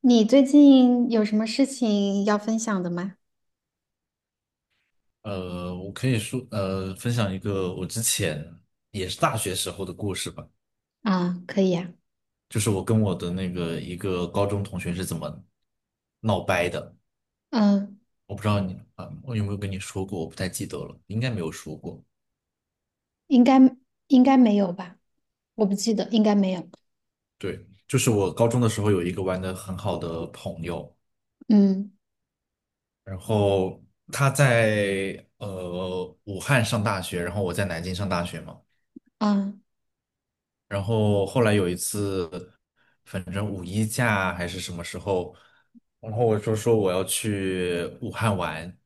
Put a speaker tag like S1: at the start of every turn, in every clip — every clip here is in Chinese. S1: 你最近有什么事情要分享的吗？
S2: 我可以说，分享一个我之前也是大学时候的故事吧，
S1: 啊，可以啊。
S2: 就是我跟我的一个高中同学是怎么闹掰的。
S1: 嗯。
S2: 我不知道你啊，我有没有跟你说过，我不太记得了，应该没有说过。
S1: 应该应该没有吧？我不记得，应该没有。
S2: 对，就是我高中的时候有一个玩的很好的朋友，
S1: 嗯。
S2: 然后他在武汉上大学，然后我在南京上大学嘛。
S1: 啊
S2: 然后后来有一次，反正五一假还是什么时候，然后我就说我要去武汉玩，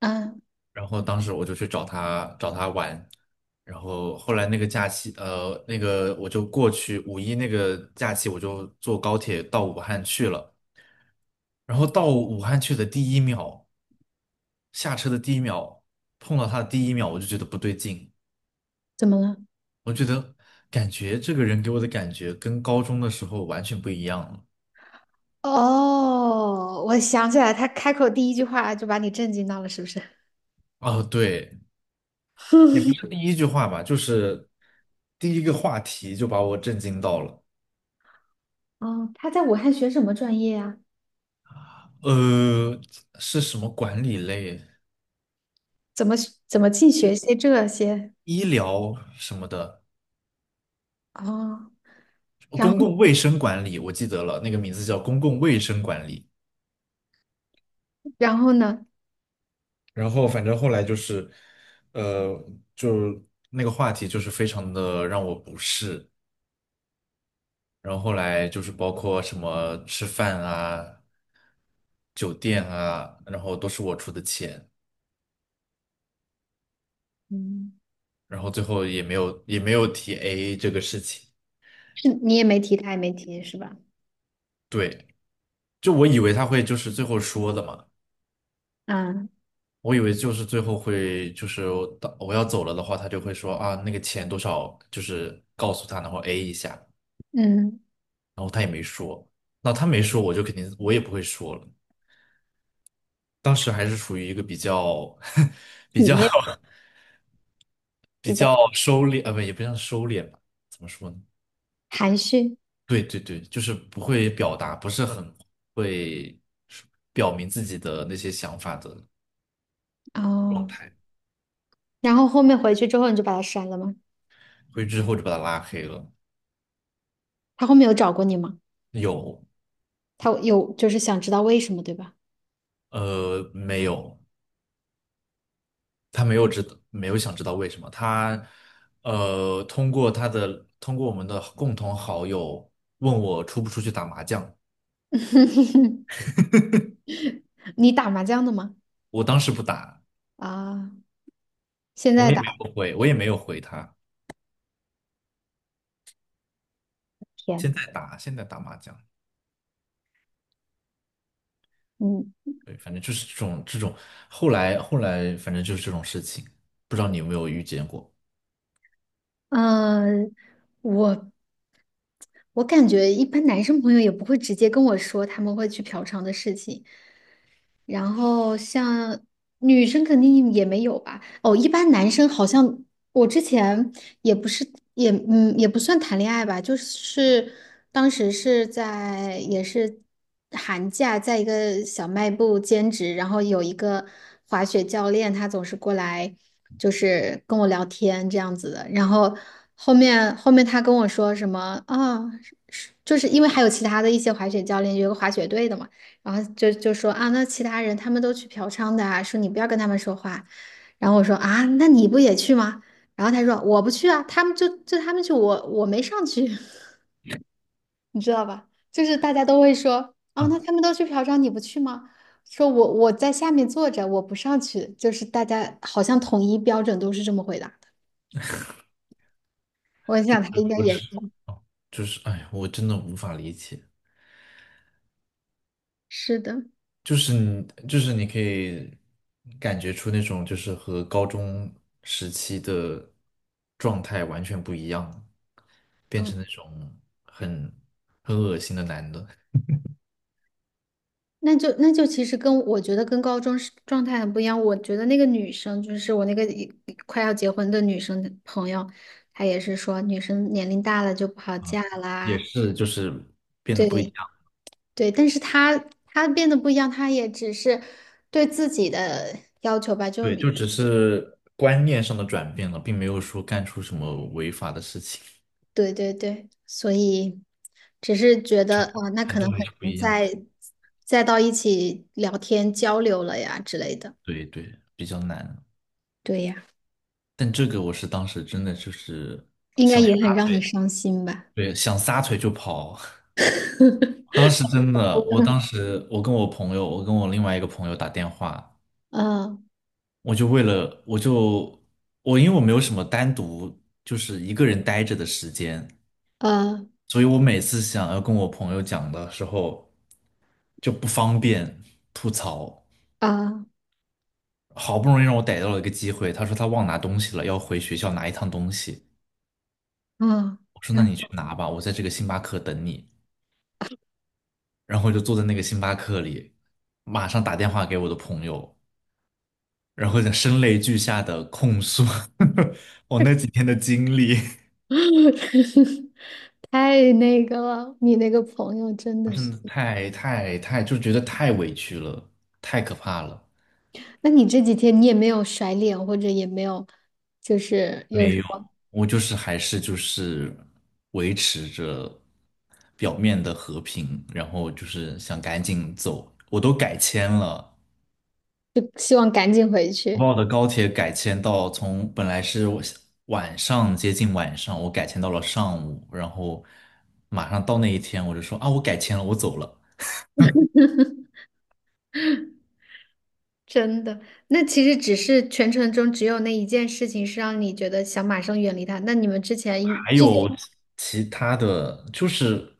S1: 啊，
S2: 然后当时我就去找他玩，然后后来那个假期，那个我就过去五一那个假期，我就坐高铁到武汉去了，然后到武汉去的第一秒，下车的第一秒，碰到他的第一秒，我就觉得不对劲，
S1: 怎么了？
S2: 我觉得感觉这个人给我的感觉跟高中的时候完全不一样了。
S1: 哦，我想起来，他开口第一句话就把你震惊到了，是不是？
S2: 哦，对，也不是 第一句话吧，就是第一个话题就把我震惊到了。
S1: 哦，他在武汉学什么专业啊？
S2: 呃，是什么管理类？
S1: 怎么怎么净学些这些？
S2: 医疗什么的，
S1: 哦，
S2: 哦，
S1: 然
S2: 公
S1: 后
S2: 共卫生管理，我记得了，那个名字叫公共卫生管理。
S1: 然后呢？
S2: 然后反正后来就是，呃，就那个话题就是非常的让我不适。然后后来就是包括什么吃饭啊、酒店啊，然后都是我出的钱。
S1: 嗯，
S2: 然后最后也没有提 AA 这个事情。
S1: 是你也没提，他也没提，是吧？
S2: 对，就我以为他会就是最后说的嘛，
S1: 啊。
S2: 我以为就是最后会就是我要走了的话，他就会说啊那个钱多少，就是告诉他，然后 A 一下，
S1: 嗯，
S2: 然后他也没说，那他没说我就肯定我也不会说了。当时还是处于一个比较 比
S1: 里
S2: 较
S1: 面
S2: 比
S1: 比较
S2: 较收敛，不也不像收敛吧，怎么说呢？
S1: 含蓄。
S2: 对对对，就是不会表达，不是很会表明自己的那些想法的状
S1: 哦，
S2: 态，
S1: 然后后面回去之后你就把他删了吗？
S2: 所以之后就把他拉黑了。
S1: 他后面有找过你吗？
S2: 有，
S1: 他有就是想知道为什么，对吧？
S2: 没有，他没有知道，没有想知道为什么他，通过我们的共同好友问我出不出去打麻将，
S1: 你打麻将的吗？
S2: 我当时不打，
S1: 啊，现在
S2: 我也没
S1: 打
S2: 有回，我也没有回他，现
S1: 天。
S2: 在打，现在打麻将。
S1: 嗯
S2: 对，反正就是这种，后来反正就是这种事情，不知道你有没有遇见过？
S1: 嗯。我我感觉一般男生朋友也不会直接跟我说他们会去嫖娼的事情，然后像女生肯定也没有吧。哦，一般男生好像我之前也不是也也不算谈恋爱吧，就是当时是在也是寒假，在一个小卖部兼职，然后有一个滑雪教练，他总是过来就是跟我聊天这样子的，然后后面他跟我说什么啊，是就是因为还有其他的一些滑雪教练，有个滑雪队的嘛，然后就说啊，那其他人他们都去嫖娼的啊，说你不要跟他们说话。然后我说啊，那你不也去吗？然后他说我不去啊，他们就他们去，我没上去。你知道吧？就是大家都会说啊，那他们都去嫖娼，你不去吗？说我在下面坐着，我不上去，就是大家好像统一标准都是这么回答的。我
S2: 就
S1: 想
S2: 是
S1: 他应该
S2: 我
S1: 也是。
S2: 是就是哎呀，我真的无法理解，
S1: 是的。
S2: 就是你可以感觉出那种就是和高中时期的状态完全不一样，变成
S1: 嗯，
S2: 那种很很恶心的男的，
S1: 那就那就其实跟我觉得跟高中是状态很不一样。我觉得那个女生就是我那个一快要结婚的女生朋友，她也是说女生年龄大了就不好嫁
S2: 也
S1: 啦。
S2: 是就是变得不一
S1: 对
S2: 样，
S1: 对，但是他他变得不一样，他也只是对自己的要求吧，就
S2: 对，就只是观念上的转变了，并没有说干出什么违法的事情，
S1: 对对对，所以只是觉得啊、那
S2: 程
S1: 可能
S2: 度还
S1: 很
S2: 是不
S1: 难
S2: 一样。
S1: 再再到一起聊天交流了呀之类的。
S2: 对对，比较难。
S1: 对呀，
S2: 但这个我是当时真的就是
S1: 应该也很让你伤心吧？
S2: 对，想撒腿就跑。当时真的，我当时我跟我朋友，我跟我另外一个朋友打电话，
S1: 啊
S2: 我就为了我就我因为我没有什么单独就是一个人待着的时间，
S1: 啊
S2: 所以我每次想要跟我朋友讲的时候就不方便吐槽。
S1: 啊
S2: 好不容易让我逮到了一个机会，他说他忘拿东西了，要回学校拿一趟东西。
S1: 啊！
S2: 我说那
S1: 然
S2: 你去
S1: 后
S2: 拿吧，我在这个星巴克等你。然后就坐在那个星巴克里，马上打电话给我的朋友，然后就声泪俱下的控诉 我那几天的经历，
S1: 太那个了，你那个朋友真
S2: 我
S1: 的是。
S2: 真的太太太就觉得太委屈了，太可怕了。
S1: 那你这几天你也没有甩脸，或者也没有，就是有
S2: 没
S1: 什
S2: 有，
S1: 么，
S2: 我就是还是就是维持着表面的和平，然后就是想赶紧走，我都改签了，
S1: 就希望赶紧回
S2: 国
S1: 去。
S2: 贸的高铁改签到从本来是我晚上接近晚上，我改签到了上午，然后马上到那一天，我就说啊，我改签了，我走了。
S1: 真的，那其实只是全程中只有那一件事情是让你觉得想马上远离他。那你们之前应
S2: 还
S1: 之
S2: 有
S1: 前，
S2: 其他的，就是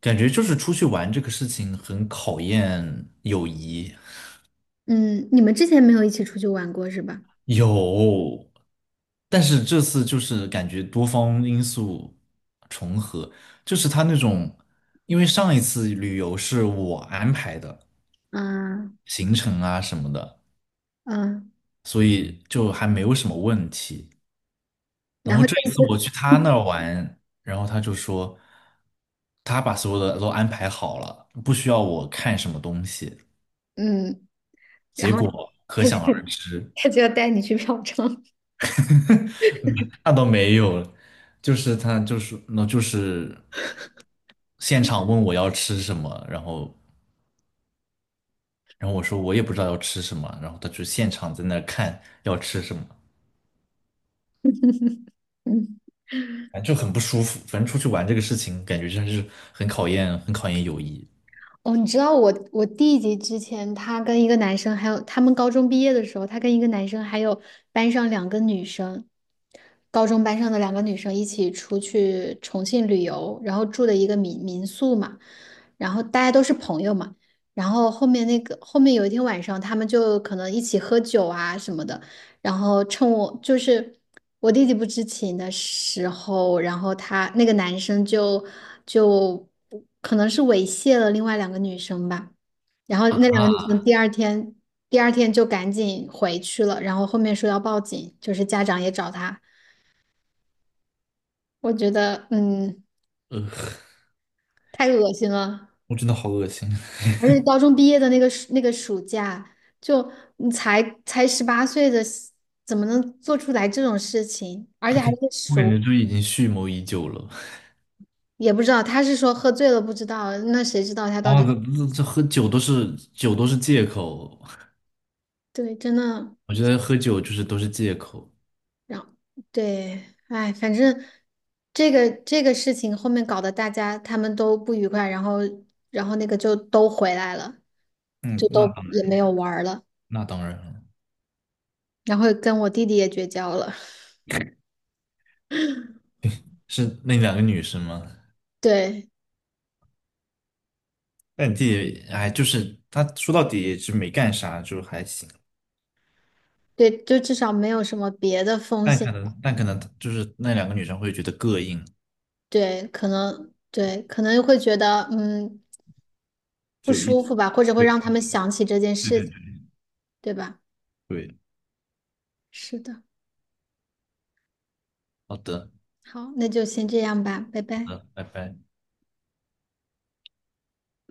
S2: 感觉就是出去玩这个事情很考验友谊，
S1: 嗯，你们之前没有一起出去玩过是吧？
S2: 有，但是这次就是感觉多方因素重合，就是他那种，因为上一次旅游是我安排的
S1: 嗯
S2: 行程啊什么的。
S1: 嗯，
S2: 所以就还没有什么问题。然
S1: 然
S2: 后
S1: 后
S2: 这
S1: 这一
S2: 一次我
S1: 次，
S2: 去他那儿玩，然后他就说他把所有的都安排好了，不需要我看什么东西。
S1: 嗯，然
S2: 结
S1: 后
S2: 果可
S1: 他就
S2: 想而 知，
S1: 他就要带你去嫖娼，
S2: 那倒没有，就是他就是那就是现场问我要吃什么，然后我说我也不知道要吃什么，然后他就现场在那儿看要吃什么。
S1: 嗯。
S2: 反正就很不舒服，反正出去玩这个事情，感觉真是很考验，很考验友谊。
S1: 哦，你知道我弟弟之前他跟一个男生，还有他们高中毕业的时候，他跟一个男生还有班上两个女生，高中班上的两个女生一起出去重庆旅游，然后住的一个民民宿嘛，然后大家都是朋友嘛，然后后面那个后面有一天晚上，他们就可能一起喝酒啊什么的，然后趁我就是我弟弟不知情的时候，然后他那个男生就可能是猥亵了另外两个女生吧，然后那两个女
S2: 啊。
S1: 生第二天就赶紧回去了，然后后面说要报警，就是家长也找他，我觉得嗯
S2: 呃，
S1: 太恶心了，
S2: 我真的好恶心。
S1: 而且 高中毕业的那个暑那个暑假，就你才18岁的，怎么能做出来这种事情，而且
S2: 他
S1: 还
S2: 肯，
S1: 是
S2: 我感
S1: 熟。
S2: 觉就已经蓄谋已久了。
S1: 也不知道，他是说喝醉了不知道，那谁知道他到
S2: 啊，这
S1: 底
S2: 这这喝酒都是借口，
S1: 对，真的，
S2: 我觉得喝酒就是都是借口。
S1: 然后对，哎，反正这个事情后面搞得大家他们都不愉快，然后那个就都回来了，
S2: 嗯，
S1: 就
S2: 那
S1: 都也没有玩儿了，
S2: 那当然了，
S1: 然后跟我弟弟也绝交了，
S2: 是那两个女生吗？
S1: 对
S2: 但你自己，哎，就是他说到底也是没干啥，就还行。
S1: 对，就至少没有什么别的风
S2: 但
S1: 险，
S2: 可能，但可能就是那两个女生会觉得膈应，
S1: 对，可能对可能会觉得嗯不
S2: 就一，
S1: 舒服吧，或者会
S2: 对
S1: 让他们想起这件
S2: 对
S1: 事
S2: 对
S1: 情，对吧？
S2: 对，对，
S1: 是的。
S2: 好的，
S1: 好，那就先这样吧，拜
S2: 好
S1: 拜。
S2: 的，拜拜。